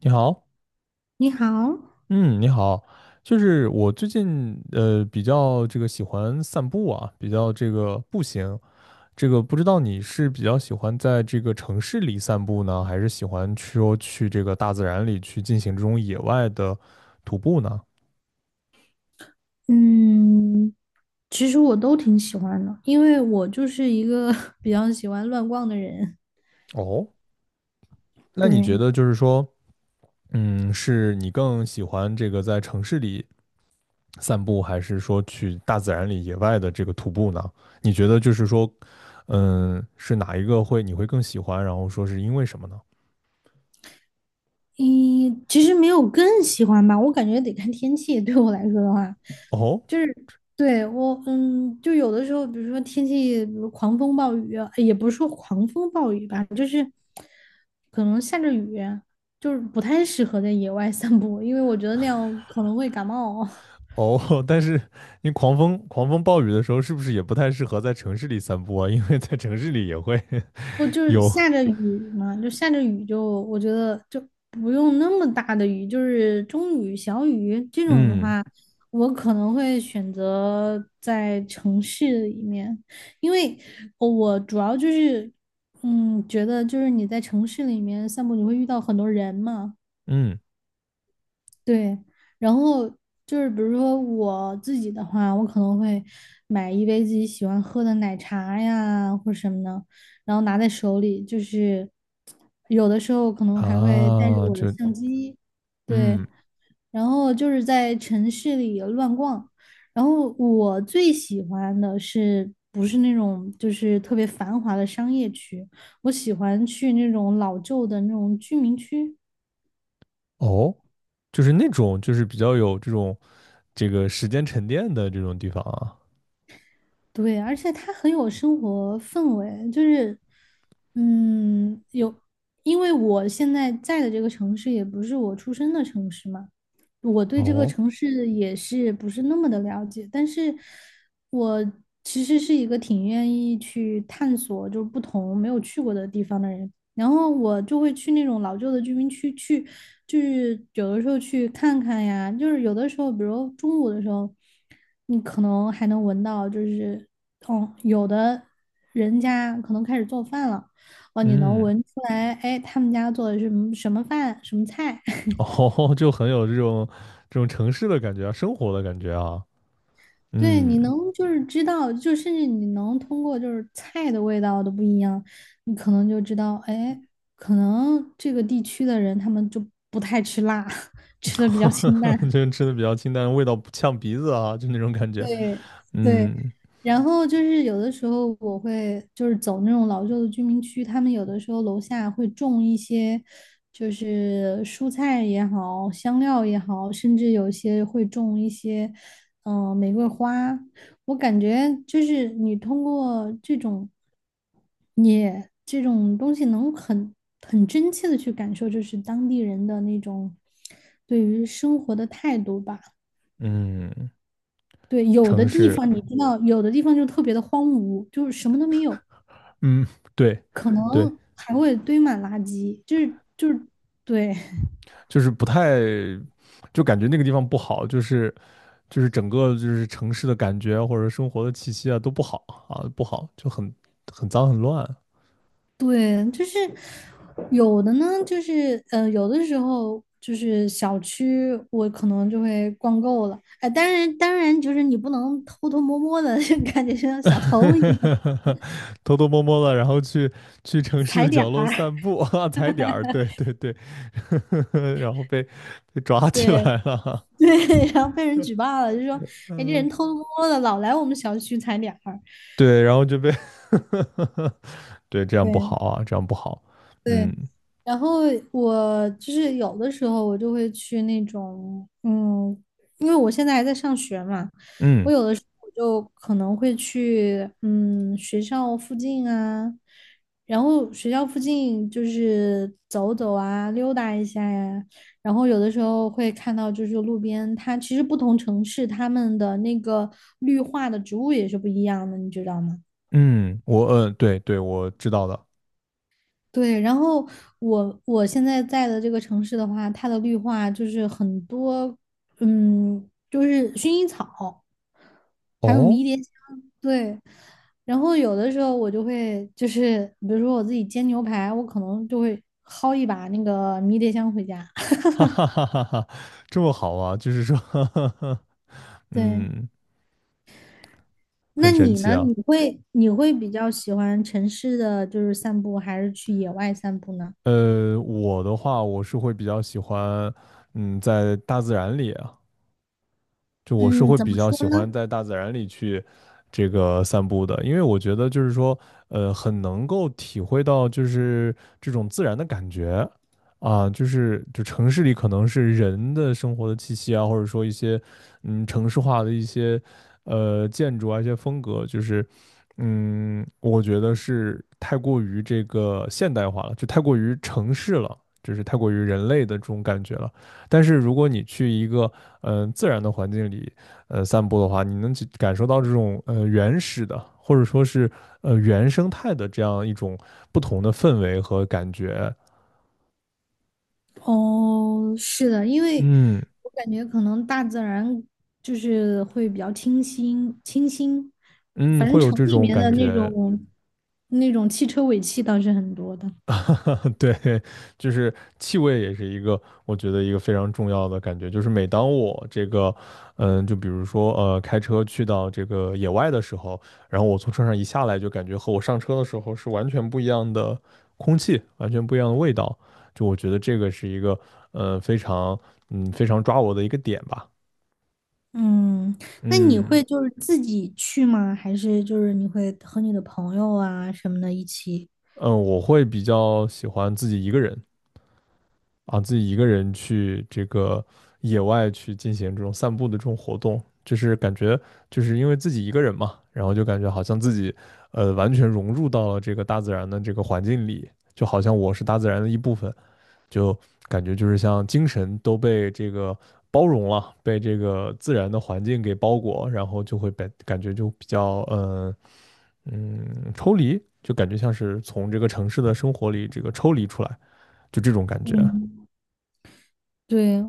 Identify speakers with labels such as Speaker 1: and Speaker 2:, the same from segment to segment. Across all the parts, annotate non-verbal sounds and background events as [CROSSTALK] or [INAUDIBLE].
Speaker 1: 你好。
Speaker 2: 你好。
Speaker 1: 嗯，你好。就是我最近比较这个喜欢散步啊，比较这个步行。这个不知道你是比较喜欢在这个城市里散步呢，还是喜欢去说去这个大自然里去进行这种野外的徒步呢？
Speaker 2: 嗯，其实我都挺喜欢的，因为我就是一个 [LAUGHS] 比较喜欢乱逛的人。
Speaker 1: 哦，那你觉
Speaker 2: 对，
Speaker 1: 得就是说，嗯，是你更喜欢这个在城市里散步，还是说去大自然里野外的这个徒步呢？你觉得就是说，嗯，是哪一个会你会更喜欢？然后说是因为什么呢？
Speaker 2: 嗯，其实没有更喜欢吧，我感觉得看天气。对我来说的话，
Speaker 1: 哦
Speaker 2: 就是对我，嗯，就有的时候，比如说天气，比如狂风暴雨，也不是说狂风暴雨吧，就是可能下着雨，就是不太适合在野外散步，因为我觉得那样可能会感冒。[LAUGHS]
Speaker 1: 哦，[LAUGHS] 但是你狂风暴雨的时候，是不是也不太适合在城市里散步啊？因为在城市里也会
Speaker 2: 不就
Speaker 1: [LAUGHS]
Speaker 2: 是
Speaker 1: 有。
Speaker 2: 下着雨嘛，就下着雨就我觉得就不用那么大的雨，就是中雨、小雨这种的
Speaker 1: 嗯
Speaker 2: 话，我可能会选择在城市里面，因为我主要就是觉得就是你在城市里面散步，你会遇到很多人嘛。
Speaker 1: 嗯
Speaker 2: 对，然后就是比如说我自己的话，我可能会买一杯自己喜欢喝的奶茶呀，或什么的，然后拿在手里，就是有的时候可能还会带着
Speaker 1: 啊，
Speaker 2: 我的
Speaker 1: 就
Speaker 2: 相机。对，
Speaker 1: 嗯
Speaker 2: 然后就是在城市里乱逛，然后我最喜欢的是不是那种就是特别繁华的商业区，我喜欢去那种老旧的那种居民区。
Speaker 1: 哦，就是那种就是比较有这种这个时间沉淀的这种地方啊。
Speaker 2: 对，而且它很有生活氛围，就是，嗯，有，因为我现在在的这个城市也不是我出生的城市嘛，我对这个
Speaker 1: 哦，
Speaker 2: 城市也是不是那么的了解，但是我其实是一个挺愿意去探索，就是不同没有去过的地方的人。然后我就会去那种老旧的居民区去，就是有的时候去看看呀，就是有的时候，比如中午的时候，你可能还能闻到，就是哦，有的人家可能开始做饭了，哦，你能
Speaker 1: 嗯。
Speaker 2: 闻出来，哎，他们家做的是什么什么饭、什么菜。
Speaker 1: [LAUGHS] 哦，就很有这种城市的感觉啊，生活的感觉啊。
Speaker 2: 对，
Speaker 1: 嗯，
Speaker 2: 你能就是知道，就甚至你能通过就是菜的味道都不一样，你可能就知道，哎，可能这个地区的人他们就不太吃辣，[LAUGHS] 吃的比较清
Speaker 1: [LAUGHS]
Speaker 2: 淡。
Speaker 1: 就吃的比较清淡，味道不呛鼻子啊，就那种感觉。
Speaker 2: 对对，
Speaker 1: 嗯
Speaker 2: 然后就是有的时候我会就是走那种老旧的居民区，他们有的时候楼下会种一些，就是蔬菜也好，香料也好，甚至有些会种一些，嗯、玫瑰花。我感觉就是你通过这种你这种东西，能很真切的去感受，就是当地人的那种对于生活的态度吧。
Speaker 1: 嗯，
Speaker 2: 对，有的
Speaker 1: 城
Speaker 2: 地
Speaker 1: 市，
Speaker 2: 方你知道，有的地方就特别的荒芜，就是什么都没有，
Speaker 1: 嗯，对
Speaker 2: 可
Speaker 1: 对，
Speaker 2: 能还会堆满垃圾，就是对
Speaker 1: 就是不太，就感觉那个地方不好，就是整个就是城市的感觉啊或者生活的气息啊都不好啊，不好，就很脏很乱。
Speaker 2: 对，就是有的呢，就是，有的时候就是小区我可能就会逛够了，哎，当然就是你不能偷偷摸摸的，[LAUGHS] 就感觉像小偷一样
Speaker 1: [LAUGHS] 偷偷摸摸的，然后去城市
Speaker 2: 踩
Speaker 1: 的
Speaker 2: 点
Speaker 1: 角落
Speaker 2: 儿，
Speaker 1: 散步啊，[LAUGHS] 踩点儿，对对对。[LAUGHS] 然后被抓起
Speaker 2: 对
Speaker 1: 来了。
Speaker 2: [LAUGHS] 对，然后被人举报了，就说哎这
Speaker 1: 嗯，
Speaker 2: 人偷偷摸摸的老来我们小区踩点儿。
Speaker 1: 对，然后就被 [LAUGHS] 对，这样不好
Speaker 2: 对。
Speaker 1: 啊，这样不好。
Speaker 2: 对，
Speaker 1: 嗯
Speaker 2: 然后我就是有的时候我就会去那种，嗯，因为我现在还在上学嘛，我
Speaker 1: 嗯
Speaker 2: 有的时候就可能会去，嗯，学校附近啊，然后学校附近就是走走啊，溜达一下呀，然后有的时候会看到就是路边，它其实不同城市它们的那个绿化的植物也是不一样的，你知道吗？
Speaker 1: 嗯，我对对，我知道的。
Speaker 2: 对，然后我现在在的这个城市的话，它的绿化就是很多，嗯，就是薰衣草，还有迷
Speaker 1: 哦，
Speaker 2: 迭香。对。然后有的时候我就会就是，比如说我自己煎牛排，我可能就会薅一把那个迷迭香回家。
Speaker 1: [LAUGHS] 哈哈哈哈哈，这么好啊，就是说。 [LAUGHS]
Speaker 2: 对，
Speaker 1: 嗯，很
Speaker 2: 那
Speaker 1: 神
Speaker 2: 你
Speaker 1: 奇
Speaker 2: 呢？
Speaker 1: 啊。
Speaker 2: 你会比较喜欢城市的就是散步，还是去野外散步呢？
Speaker 1: 我的话，我是会比较喜欢。嗯，在大自然里啊。就我是
Speaker 2: 嗯，
Speaker 1: 会
Speaker 2: 怎
Speaker 1: 比
Speaker 2: 么
Speaker 1: 较
Speaker 2: 说
Speaker 1: 喜
Speaker 2: 呢？
Speaker 1: 欢在大自然里去这个散步的，因为我觉得就是说，很能够体会到就是这种自然的感觉啊，就是就城市里可能是人的生活的气息啊，或者说一些城市化的一些建筑啊一些风格，就是我觉得是太过于这个现代化了，就太过于城市了，就是太过于人类的这种感觉了。但是如果你去一个自然的环境里散步的话，你能去感受到这种原始的或者说是原生态的这样一种不同的氛围和感觉。
Speaker 2: 哦，是的，因为
Speaker 1: 嗯
Speaker 2: 我感觉可能大自然就是会比较清新，清新，
Speaker 1: 嗯，
Speaker 2: 反正
Speaker 1: 会有
Speaker 2: 城
Speaker 1: 这
Speaker 2: 里
Speaker 1: 种
Speaker 2: 面
Speaker 1: 感
Speaker 2: 的那
Speaker 1: 觉。
Speaker 2: 种那种汽车尾气倒是很多的。
Speaker 1: 对，[LAUGHS] 就是气味也是一个，我觉得一个非常重要的感觉。就是每当我这个，就比如说开车去到这个野外的时候，然后我从车上一下来，就感觉和我上车的时候是完全不一样的空气，完全不一样的味道。就我觉得这个是一个，非常，非常抓我的一个点吧。
Speaker 2: 嗯，那你
Speaker 1: 嗯
Speaker 2: 会就是自己去吗？还是就是你会和你的朋友啊什么的一起？
Speaker 1: 嗯，我会比较喜欢自己一个人，啊，自己一个人去这个野外去进行这种散步的这种活动，就是感觉就是因为自己一个人嘛，然后就感觉好像自己完全融入到了这个大自然的这个环境里，就好像我是大自然的一部分，就感觉就是像精神都被这个包容了，被这个自然的环境给包裹，然后就会被感觉就比较抽离，就感觉像是从这个城市的生活里这个抽离出来，就这种感觉。
Speaker 2: 嗯对，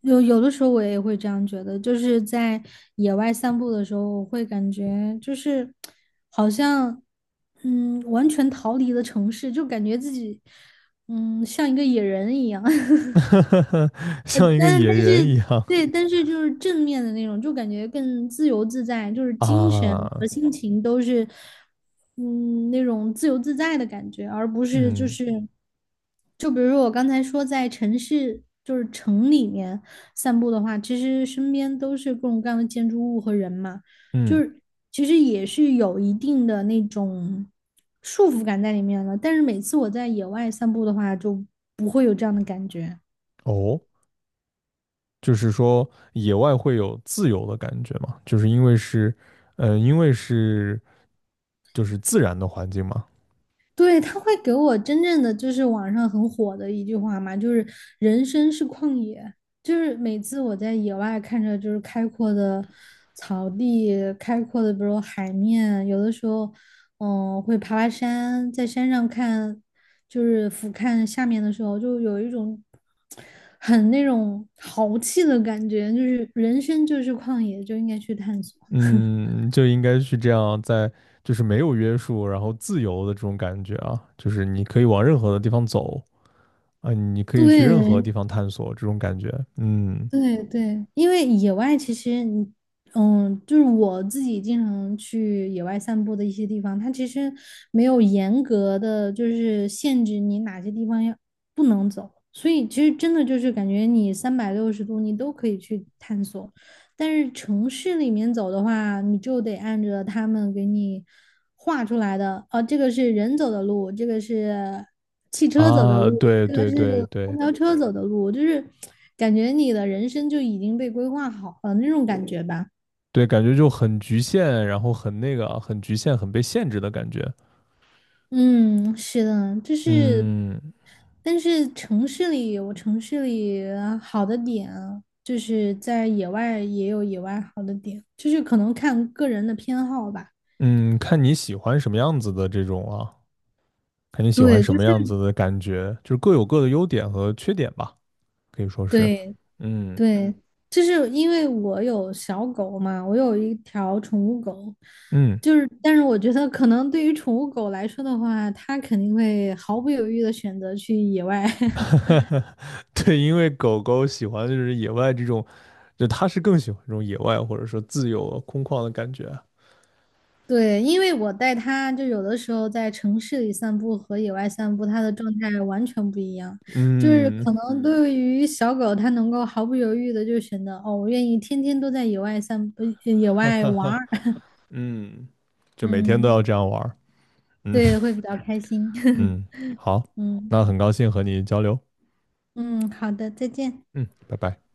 Speaker 2: 有的时候我也会这样觉得，就是在野外散步的时候，我会感觉就是好像完全逃离了城市，就感觉自己像一个野人一样。[LAUGHS]
Speaker 1: [LAUGHS]
Speaker 2: 呃，
Speaker 1: 像一个
Speaker 2: 但
Speaker 1: 野
Speaker 2: 但是
Speaker 1: 人一样
Speaker 2: 对，但是就是正面的那种，就感觉更自由自在，就是精神和
Speaker 1: 啊。
Speaker 2: 心情都是，嗯，那种自由自在的感觉，而不是就
Speaker 1: 嗯
Speaker 2: 是，就比如说我刚才说在城市，就是城里面散步的话，其实身边都是各种各样的建筑物和人嘛，就
Speaker 1: 嗯，
Speaker 2: 是其实也是有一定的那种束缚感在里面了。但是每次我在野外散步的话，就不会有这样的感觉。
Speaker 1: 哦，就是说野外会有自由的感觉嘛，就是因为是就是自然的环境嘛。
Speaker 2: 对，他会给我真正的就是网上很火的一句话嘛，就是人生是旷野，就是每次我在野外看着就是开阔的草地、开阔的比如海面，有的时候，嗯，会爬爬山，在山上看，就是俯瞰下面的时候，就有一种很那种豪气的感觉，就是人生就是旷野，就应该去探索。
Speaker 1: 嗯，就应该是这样在，就是没有约束，然后自由的这种感觉啊，就是你可以往任何的地方走啊，你可以去任何地
Speaker 2: 对，
Speaker 1: 方探索这种感觉。嗯
Speaker 2: 对对，因为野外其实你，嗯，就是我自己经常去野外散步的一些地方，它其实没有严格的就是限制你哪些地方要不能走，所以其实真的就是感觉你360度你都可以去探索。但是城市里面走的话，你就得按着他们给你画出来的，哦，这个是人走的路，这个是汽车走的
Speaker 1: 啊，
Speaker 2: 路，
Speaker 1: 对
Speaker 2: 这个
Speaker 1: 对
Speaker 2: 是
Speaker 1: 对对。
Speaker 2: 公交车走的路，就是感觉你的人生就已经被规划好了那种感觉吧。
Speaker 1: 对，感觉就很局限，然后很那个，很局限，很被限制的感觉。
Speaker 2: 嗯，是的，就是，
Speaker 1: 嗯
Speaker 2: 但是城市里有城市里好的点啊就是在野外也有野外好的点，就是可能看个人的偏好吧。
Speaker 1: 嗯，看你喜欢什么样子的这种啊，看你喜欢
Speaker 2: 对，
Speaker 1: 什
Speaker 2: 就
Speaker 1: 么
Speaker 2: 是
Speaker 1: 样子的感觉，就是各有各的优点和缺点吧，可以说是。
Speaker 2: 对，
Speaker 1: 嗯
Speaker 2: 对，就是因为我有小狗嘛，我有一条宠物狗，
Speaker 1: 嗯，
Speaker 2: 就是，但是我觉得可能对于宠物狗来说的话，它肯定会毫不犹豫的选择去野外。[LAUGHS]
Speaker 1: [LAUGHS] 对，因为狗狗喜欢就是野外这种，就它是更喜欢这种野外或者说自由空旷的感觉。
Speaker 2: 对，因为我带它，就有的时候在城市里散步和野外散步，它的状态完全不一样。就是
Speaker 1: 嗯
Speaker 2: 可能对于小狗，它能够毫不犹豫的就选择，哦，我愿意天天都在野外散步，野外玩
Speaker 1: [LAUGHS]
Speaker 2: 儿，[LAUGHS]
Speaker 1: 嗯，就每天都
Speaker 2: 嗯，
Speaker 1: 要这样玩儿。嗯
Speaker 2: 对，会比较开心，[LAUGHS]
Speaker 1: 嗯，好，
Speaker 2: 嗯。
Speaker 1: 那很高兴和你交流。
Speaker 2: 嗯，好的，再见。
Speaker 1: 嗯，拜拜。